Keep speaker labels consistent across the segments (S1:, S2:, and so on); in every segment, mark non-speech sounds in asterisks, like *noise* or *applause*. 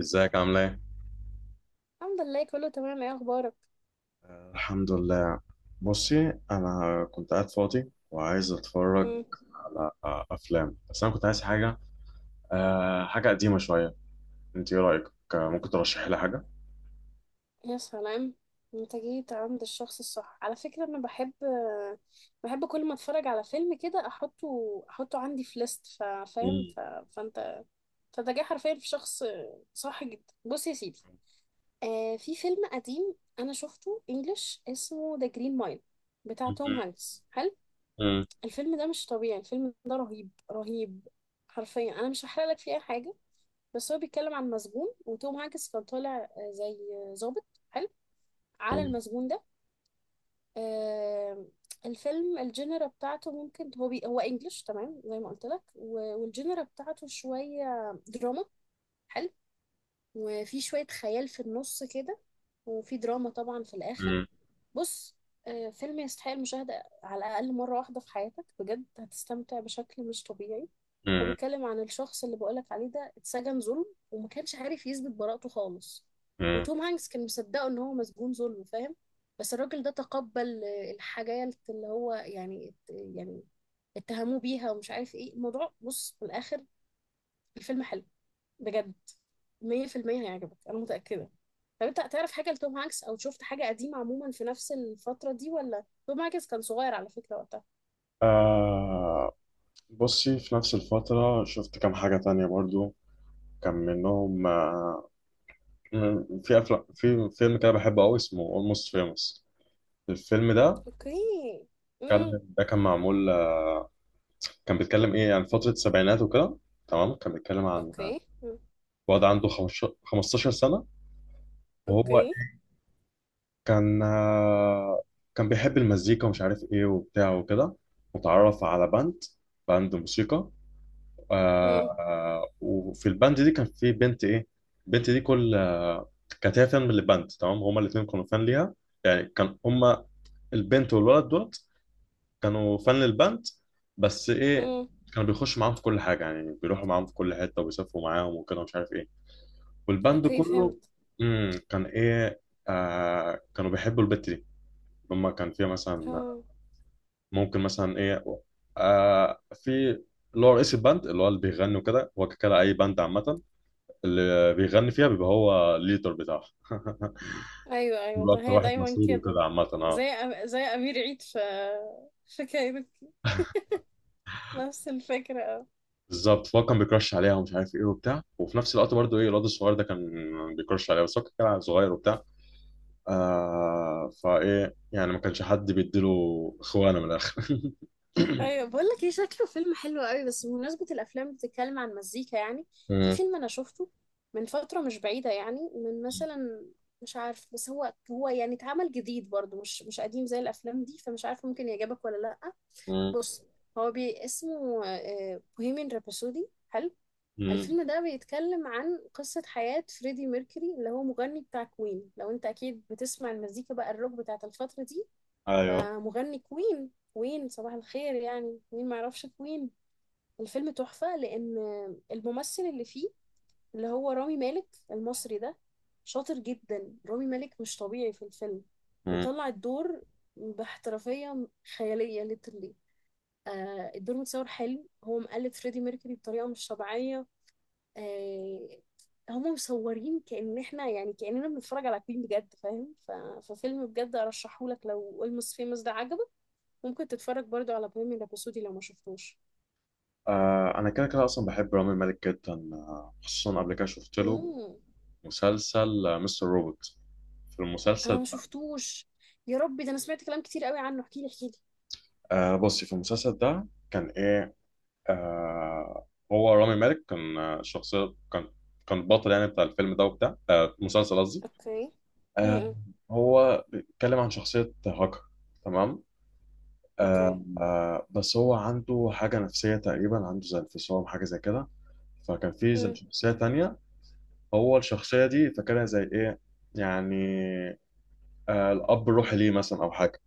S1: ازيك عامله ايه؟
S2: الحمد لله، كله تمام. ايه اخبارك؟
S1: الحمد لله. بصي، انا كنت قاعد فاضي وعايز اتفرج
S2: امم
S1: على افلام، بس انا كنت عايز حاجه، حاجه قديمه شويه. انت ايه رايك؟ ممكن ترشحي لي حاجه.
S2: يا سلام. انت جيت عند الشخص الصح على فكرة. انا بحب، بحب كل ما اتفرج على فيلم كده احطه عندي في ليست، فاهم
S1: مم.
S2: فانت جاي حرفيا في شخص صح جدا. بص يا سيدي، في فيلم قديم انا شفته انجلش اسمه ذا جرين مايل بتاع توم
S1: مم.
S2: هانكس، حلو.
S1: مم.
S2: الفيلم ده مش طبيعي، الفيلم ده رهيب رهيب. حرفيا انا مش هحرق لك فيه اي حاجة، بس هو بيتكلم عن مسجون، وتوم هانكس كان طالع زي ضابط حلو على المسجون ده. آه، الفيلم الجينرا بتاعته ممكن هو انجلش تمام زي ما قلت لك، والجينرا بتاعته شوية دراما حلو، وفي شوية خيال في النص كده، وفي دراما طبعا في الآخر.
S1: مم.
S2: بص، فيلم يستحق المشاهدة على الأقل مرة واحدة في حياتك، بجد هتستمتع بشكل مش طبيعي. هو
S1: مم.
S2: بيتكلم عن الشخص اللي بقولك عليه ده، اتسجن ظلم وما كانش عارف يثبت براءته خالص،
S1: مم.
S2: وتوم هانكس كان مصدقه ان هو مسجون ظلم، فاهم؟ بس الراجل ده تقبل الحاجات اللي هو يعني اتهموه بيها، ومش عارف ايه الموضوع. بص في الاخر الفيلم حلو بجد، 100% هيعجبك، انا متأكدة. طب انت تعرف حاجة لتوم هانكس او شفت حاجة قديمة عموما في نفس الفترة دي؟ ولا توم هانكس كان صغير على فكرة وقتها.
S1: أه. بصي، في نفس الفتره شفت كام حاجه تانية برضو، كان منهم في فيلم كده بحبه قوي اسمه Almost Famous. الفيلم ده
S2: اوكي.
S1: كان،
S2: امم.
S1: ده كان معمول كان بيتكلم ايه، يعني فترة السبعينات وكده. تمام، كان بيتكلم عن
S2: اوكي. مم.
S1: واد عنده 15 سنة، وهو
S2: اوكي.
S1: كان آه، كان بيحب المزيكا ومش عارف ايه وبتاع وكده، وتعرف على باند، باند موسيقى.
S2: مم.
S1: وفي الباند دي كان في بنت، ايه البنت دي، كانت هي فان من الباند. تمام، هما الاتنين كانوا فان ليها، يعني كان هما البنت والولد دولت كانوا فان للباند. بس ايه،
S2: امم.
S1: كانوا بيخشوا معاهم في كل حاجة، يعني بيروحوا معاهم في كل حتة وبيسافروا معاهم وكده ومش عارف ايه، والباند
S2: اوكي
S1: كله
S2: فهمت.
S1: كان ايه، آه كانوا بيحبوا البت دي. هما كان فيها مثلا،
S2: آه.
S1: ممكن مثلا ايه، آه في اللي هو رئيس الباند، اللي هو اللي بيغني وكده، هو كده اي باند عامة اللي بيغني فيها بيبقى هو الليدر بتاعها،
S2: ايوه ايوه
S1: بيبقى
S2: والله
S1: اكتر
S2: هي
S1: واحد
S2: دايما
S1: مشهور
S2: كده.
S1: وكده، عامة
S2: زي
S1: اه.
S2: زي امير عيد في في كايروكي، نفس الفكره اه.
S1: بالظبط، فهو كان بيكرش عليها ومش عارف ايه وبتاع، وفي نفس الوقت برضه ايه الواد الصغير ده كان بيكرش عليها، بس هو كان صغير وبتاع. آه، فايه يعني ما كانش حد بيديله اخوانه من الاخر. *laughs*
S2: ايوه، بقول لك ايه، شكله فيلم حلو قوي. بس بمناسبه الافلام بتتكلم عن مزيكا يعني، في
S1: مم.
S2: فيلم انا شفته من فتره مش بعيده، يعني من مثلا، مش عارف، بس هو يعني اتعمل جديد برضه، مش قديم زي الافلام دي، فمش عارفه ممكن يعجبك ولا لا.
S1: مم.
S2: بص، هو بي اسمه بوهيمين رابسودي.
S1: مم.
S2: الفيلم ده بيتكلم عن قصة حياة فريدي ميركوري، اللي هو مغني بتاع كوين. لو انت اكيد بتسمع المزيكا بقى الروك بتاعت الفترة دي،
S1: ايوه.
S2: فمغني كوين، صباح الخير يعني، مين معرفش كوين. الفيلم تحفة، لأن الممثل اللي فيه اللي هو رامي مالك المصري ده شاطر جدا. رامي مالك مش طبيعي في الفيلم،
S1: مم.
S2: مطلع الدور باحترافية خيالية ليترلي. الدور متصور حلو، هو مقلد فريدي ميركوري بطريقة مش طبيعية. آه، هما مصورين كأن احنا يعني كأننا بنتفرج على فيلم بجد، فاهم ففيلم بجد ارشحهولك. لو اولموست فيموس ده عجبك، ممكن تتفرج برضو على بوهيميان رابسودي لو ما شفتوش.
S1: آه، انا كده كده اصلا بحب رامي مالك جدا، خصوصا قبل كده شفت له
S2: مم.
S1: مسلسل، مستر روبوت. في المسلسل
S2: انا ما
S1: ده،
S2: شفتوش، يا ربي، ده انا سمعت كلام كتير قوي عنه. احكي لي احكي لي.
S1: آه، بصي في المسلسل ده كان ايه، آه هو رامي مالك كان، آه، شخصية كان كان البطل يعني بتاع الفيلم ده وبتاع، آه المسلسل قصدي.
S2: اوكي.
S1: آه،
S2: امم.
S1: هو بيتكلم عن شخصية هاكر، تمام،
S2: اوكي.
S1: بس هو عنده حاجة نفسية تقريبا، عنده زي انفصام، حاجة زي كده. فكان في زي
S2: امم.
S1: شخصية تانية، هو الشخصية دي فاكرها زي إيه، يعني آه الأب الروحي ليه مثلا، أو حاجة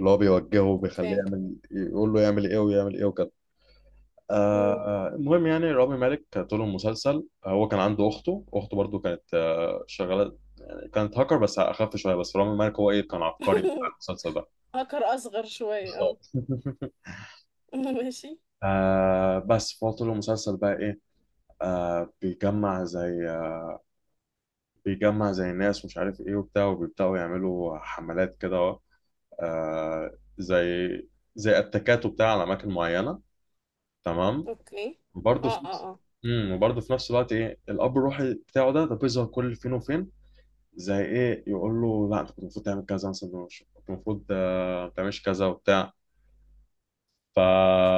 S1: اللي هو بيوجهه وبيخليه
S2: اوكي.
S1: يعمل، يقول له يعمل إيه ويعمل إيه وكده.
S2: امم.
S1: المهم يعني رامي مالك طول المسلسل، هو كان عنده أخته، أخته برضو كانت آه شغالة، يعني كانت هاكر بس أخف شوية، بس رامي مالك هو إيه كان عبقري بتاع
S2: *laughs*
S1: المسلسل ده.
S2: هاكر اصغر شوية اه.
S1: بالظبط. *laughs*
S2: *laughs* ماشي.
S1: آه بس فهو طول المسلسل بقى إيه، آه بيجمع زي ناس ومش عارف ايه وبتاع، وبيبدأوا يعملوا حملات كده أهو، آه زي زي اتاكات وبتاع على اماكن معينة، تمام.
S2: اوكي. اه
S1: برضه في نفس
S2: اه،
S1: وبرضه في نفس الوقت ايه الاب الروحي بتاعه ده بيظهر كل فين وفين، زي ايه يقول له لا انت كنت المفروض تعمل كذا مثلا، كنت المفروض ما تعملش كذا وبتاع. ف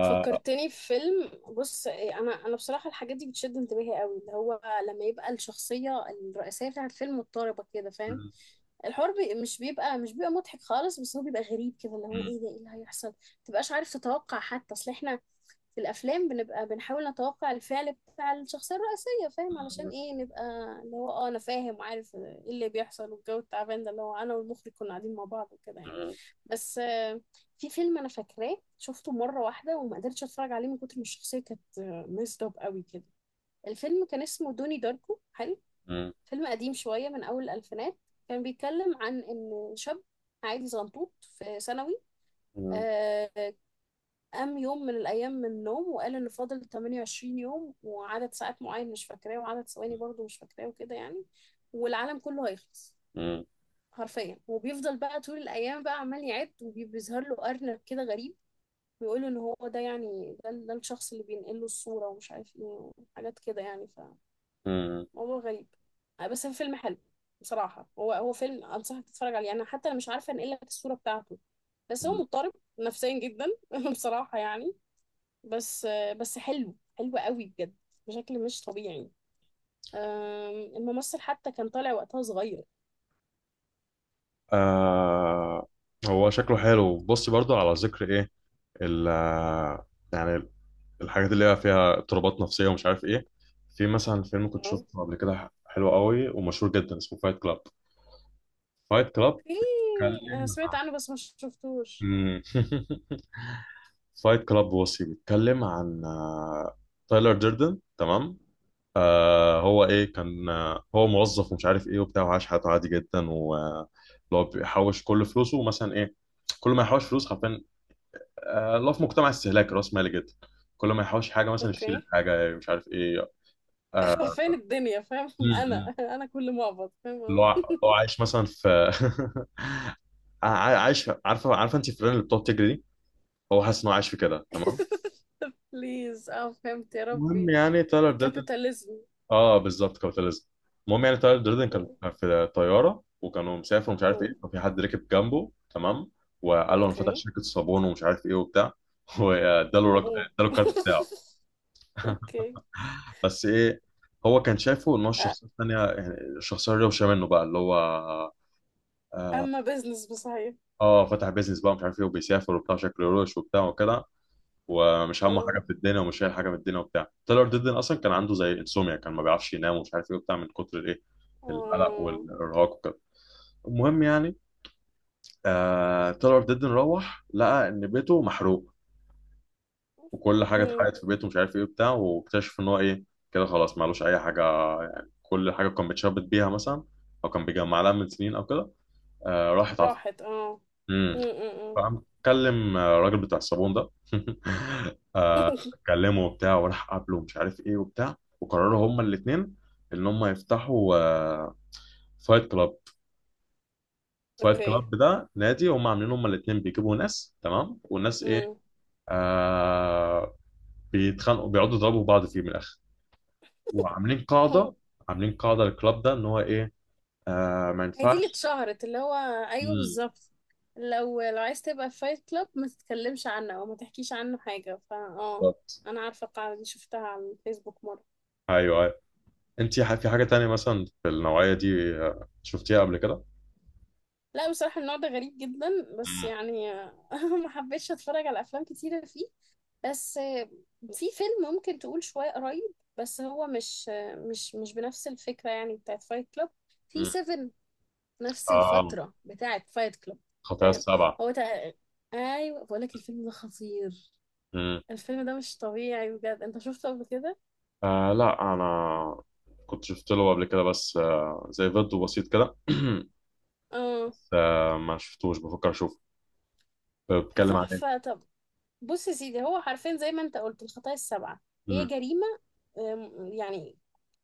S2: فكرتني في فيلم. بص إيه، انا بصراحه الحاجات دي بتشد انتباهي قوي، اللي هو لما يبقى الشخصيه الرئيسيه بتاعت الفيلم مضطربه كده، فاهم؟
S1: مم.
S2: الحوار مش بيبقى مضحك خالص، بس هو بيبقى غريب كده، اللي هو
S1: مم.
S2: ايه ده، ايه اللي هيحصل، متبقاش عارف تتوقع. حتى اصل احنا في الافلام بنبقى بنحاول نتوقع الفعل بتاع الشخصيه الرئيسيه، فاهم؟ علشان ايه نبقى اللي هو اه انا فاهم وعارف ايه اللي بيحصل. والجو التعبان ده، اللي هو انا والمخرج كنا قاعدين مع بعض وكده يعني. بس في فيلم انا فاكراه شفته مره واحده وما قدرتش اتفرج عليه من كتر ما الشخصيه كانت ميزد اب قوي كده. الفيلم كان اسمه دوني داركو، حلو.
S1: مم. مم.
S2: فيلم قديم شويه من اول الالفينات. كان بيتكلم عن ان شاب عادي زنطوط في ثانوي،
S1: مم.
S2: آه، قام يوم من الأيام من النوم وقال إن فاضل 28 يوم وعدد ساعات معين مش فاكراه وعدد ثواني برضو مش فاكراه وكده يعني، والعالم كله هيخلص حرفيا. وبيفضل بقى طول الأيام بقى عمال يعد، وبيظهر له أرنب كده غريب بيقول إن هو ده يعني ده الشخص اللي بينقل له الصورة ومش عارف إيه، وحاجات كده يعني.
S1: مم.
S2: فموضوع غريب، بس هو فيلم حلو. بصراحة هو فيلم أنصحك تتفرج عليه. أنا حتى أنا مش عارفة أنقل لك الصورة بتاعته، بس هو
S1: مم.
S2: مضطرب نفسيا جدا. *laughs* بصراحة يعني، بس بس حلو، حلو قوي بجد، بشكل مش طبيعي. الممثل حتى كان طالع وقتها صغير.
S1: آه، هو شكله حلو. بصي برضو على ذكر ايه، ال آه، يعني الحاجات اللي هي فيها اضطرابات نفسية ومش عارف ايه، في مثلا فيلم كنت
S2: اوكي.
S1: شفته قبل كده حلو قوي ومشهور جدا اسمه فايت كلاب. فايت كلاب
S2: انا
S1: بيتكلم
S2: سمعت
S1: عن،
S2: عنه بس ما شفتوش.
S1: *laughs* فايت كلاب بصي، *laughs* بيتكلم عن تايلر ديردن. تمام، آه هو ايه كان، آه هو موظف ومش عارف ايه وبتاع، وعاش حياته عادي جدا، و اللي هو بيحوش كل فلوسه مثلا، ايه كل ما يحوش فلوس حرفيا، آه، الله، في مجتمع استهلاك راس مالي جدا، كل ما يحوش حاجه مثلا يشتري
S2: اوكي.
S1: حاجه مش عارف ايه. آه،
S2: *laughs* فين الدنيا، فاهم؟
S1: م-
S2: انا
S1: م.
S2: انا كل معبط، فاهم اه.
S1: اللي هو عايش مثلا في، *laughs* عايش. عارفه، عارفه انت الفيران اللي بتقعد تجري دي، هو حاسس انه عايش في كده. تمام،
S2: *laughs* بليز اه، فهمت، يا
S1: المهم
S2: ربي.
S1: يعني تايلر دردن.
S2: الكابيتاليزم.
S1: اه بالظبط، كابيتاليزم. المهم يعني تايلر دردن كان في طياره، وكانوا مسافر ومش عارف ايه، وفي حد ركب جنبه تمام، وقال له انا فاتح
S2: اوكي.
S1: شركه صابون ومش عارف ايه وبتاع. *laughs*
S2: أهو.
S1: اداله الكارت بتاعه.
S2: *laughs*
S1: *laughs*
S2: اوكي.
S1: بس ايه، هو كان شايفه ان هو
S2: أ-
S1: الشخصيه الثانيه، يعني الشخصيه الروشه منه بقى، اللي هو اه،
S2: اما بزنس بصحيح.
S1: فتح بيزنس بقى، مش عارف ايه وبيسافر وبتاع، شكله روش وبتاع وكده، ومش همه
S2: اه
S1: حاجه في الدنيا ومش شايل حاجه من الدنيا وبتاع. تايلور ديدن اصلا كان عنده زي انسوميا، كان ما بيعرفش ينام ومش عارف ايه وبتاع، من كتر الايه، القلق
S2: اه.
S1: والارهاق وكده. المهم يعني، آه تايلور ديدن روح لقى ان بيته محروق، وكل حاجه
S2: مم.
S1: اتحرقت في بيته ومش عارف ايه بتاع، واكتشف ان هو ايه، كده خلاص معلوش اي حاجه. يعني كل حاجه كان بيتشبت بيها مثلا، او كان بيجمع لها من سنين، او كده آه راحت على
S2: راحت اه.
S1: امم.
S2: مم، مم، مم.
S1: فقام كلم الراجل بتاع الصابون ده. *laughs* آه
S2: *laughs*
S1: كلمه وبتاع وراح قابله ومش عارف ايه وبتاع، وقرروا هما الاثنين ان هما يفتحوا آه فايت كلاب. فايت
S2: اوكي.
S1: كلاب ده نادي هما عاملين هما الاثنين، بيجيبوا ناس تمام، والناس ايه،
S2: امم.
S1: آه بيتخانقوا، بيقعدوا يضربوا بعض فيه من الاخر. وعاملين
S2: اهو.
S1: قاعده، عاملين قاعده للكلاب ده، ان هو ايه، آه ما
S2: هي دي اللي
S1: ينفعش.
S2: اتشهرت اللي هو، ايوه
S1: امم،
S2: بالظبط. لو لو عايز تبقى في فايت كلاب ما تتكلمش عنه او ما تحكيش عنه حاجه، فا اه،
S1: بالظبط.
S2: انا عارفه القاعده دي، شفتها على الفيسبوك مره.
S1: ايوه ايوه. انت في حاجه تانية مثلا في النوعيه دي شفتيها قبل كده؟
S2: لا بصراحه النوع ده غريب جدا، بس
S1: امم،
S2: يعني *laughs* ما حبيتش اتفرج على افلام كتيره فيه. بس في فيلم ممكن تقول شويه قريب، بس هو مش مش بنفس الفكره يعني بتاعت فايت كلاب. في
S1: امم،
S2: 7، نفس
S1: آه
S2: الفترة بتاعت فايت كلوب،
S1: خطايا
S2: فاهم؟
S1: السبعه.
S2: هو تق... ايوه بقول لك، الفيلم ده خطير،
S1: امم،
S2: الفيلم ده مش طبيعي بجد. انت شفته قبل كده؟
S1: آه لا انا كنت شفت له قبل كده بس آه زي فيديو بسيط كده. *clears throat*
S2: اه.
S1: بس آه ما شفتوش، بفكر اشوفه. بتكلم عن ايه؟
S2: تحفة، طب بص يا سيدي، هو حرفيا زي ما انت قلت الخطايا السبعة، هي
S1: امم،
S2: جريمة. يعني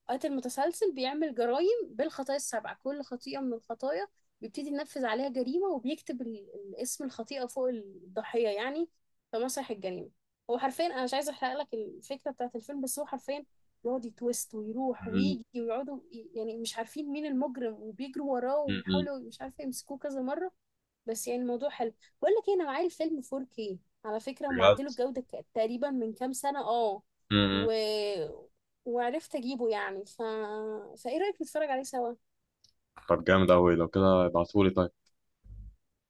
S2: قاتل متسلسل بيعمل جرائم بالخطايا السبعة، كل خطيئة من الخطايا بيبتدي ينفذ عليها جريمة، وبيكتب اسم الخطيئة فوق الضحية يعني، في مسرح الجريمة. هو حرفيا أنا مش عايزة أحرق لك الفكرة بتاعت الفيلم، بس هو حرفيا يقعد يتويست ويروح
S1: امم،
S2: ويجي، ويقعدوا يعني مش عارفين مين المجرم، وبيجروا وراه
S1: امم،
S2: وبيحاولوا مش عارفة يمسكوه كذا مرة. بس يعني الموضوع حلو. بقول لك إيه، انا معايا الفيلم 4K، على فكره هم
S1: بجد.
S2: عدلوا الجوده تقريبا من كام سنه اه.
S1: امم،
S2: و... وعرفت اجيبه يعني فايه رايك نتفرج عليه سوا؟
S1: طب جامد قوي لو كده، ابعتهولي طيب.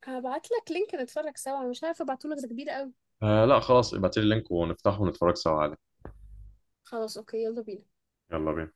S2: هبعت لك لينك نتفرج سوا. أنا مش عارفه ابعته لك، ده كبير قوي.
S1: آه لا خلاص، ابعتيلي اللينك ونفتحه ونتفرج سوا عليه.
S2: خلاص اوكي، يلا بينا.
S1: يلا بينا.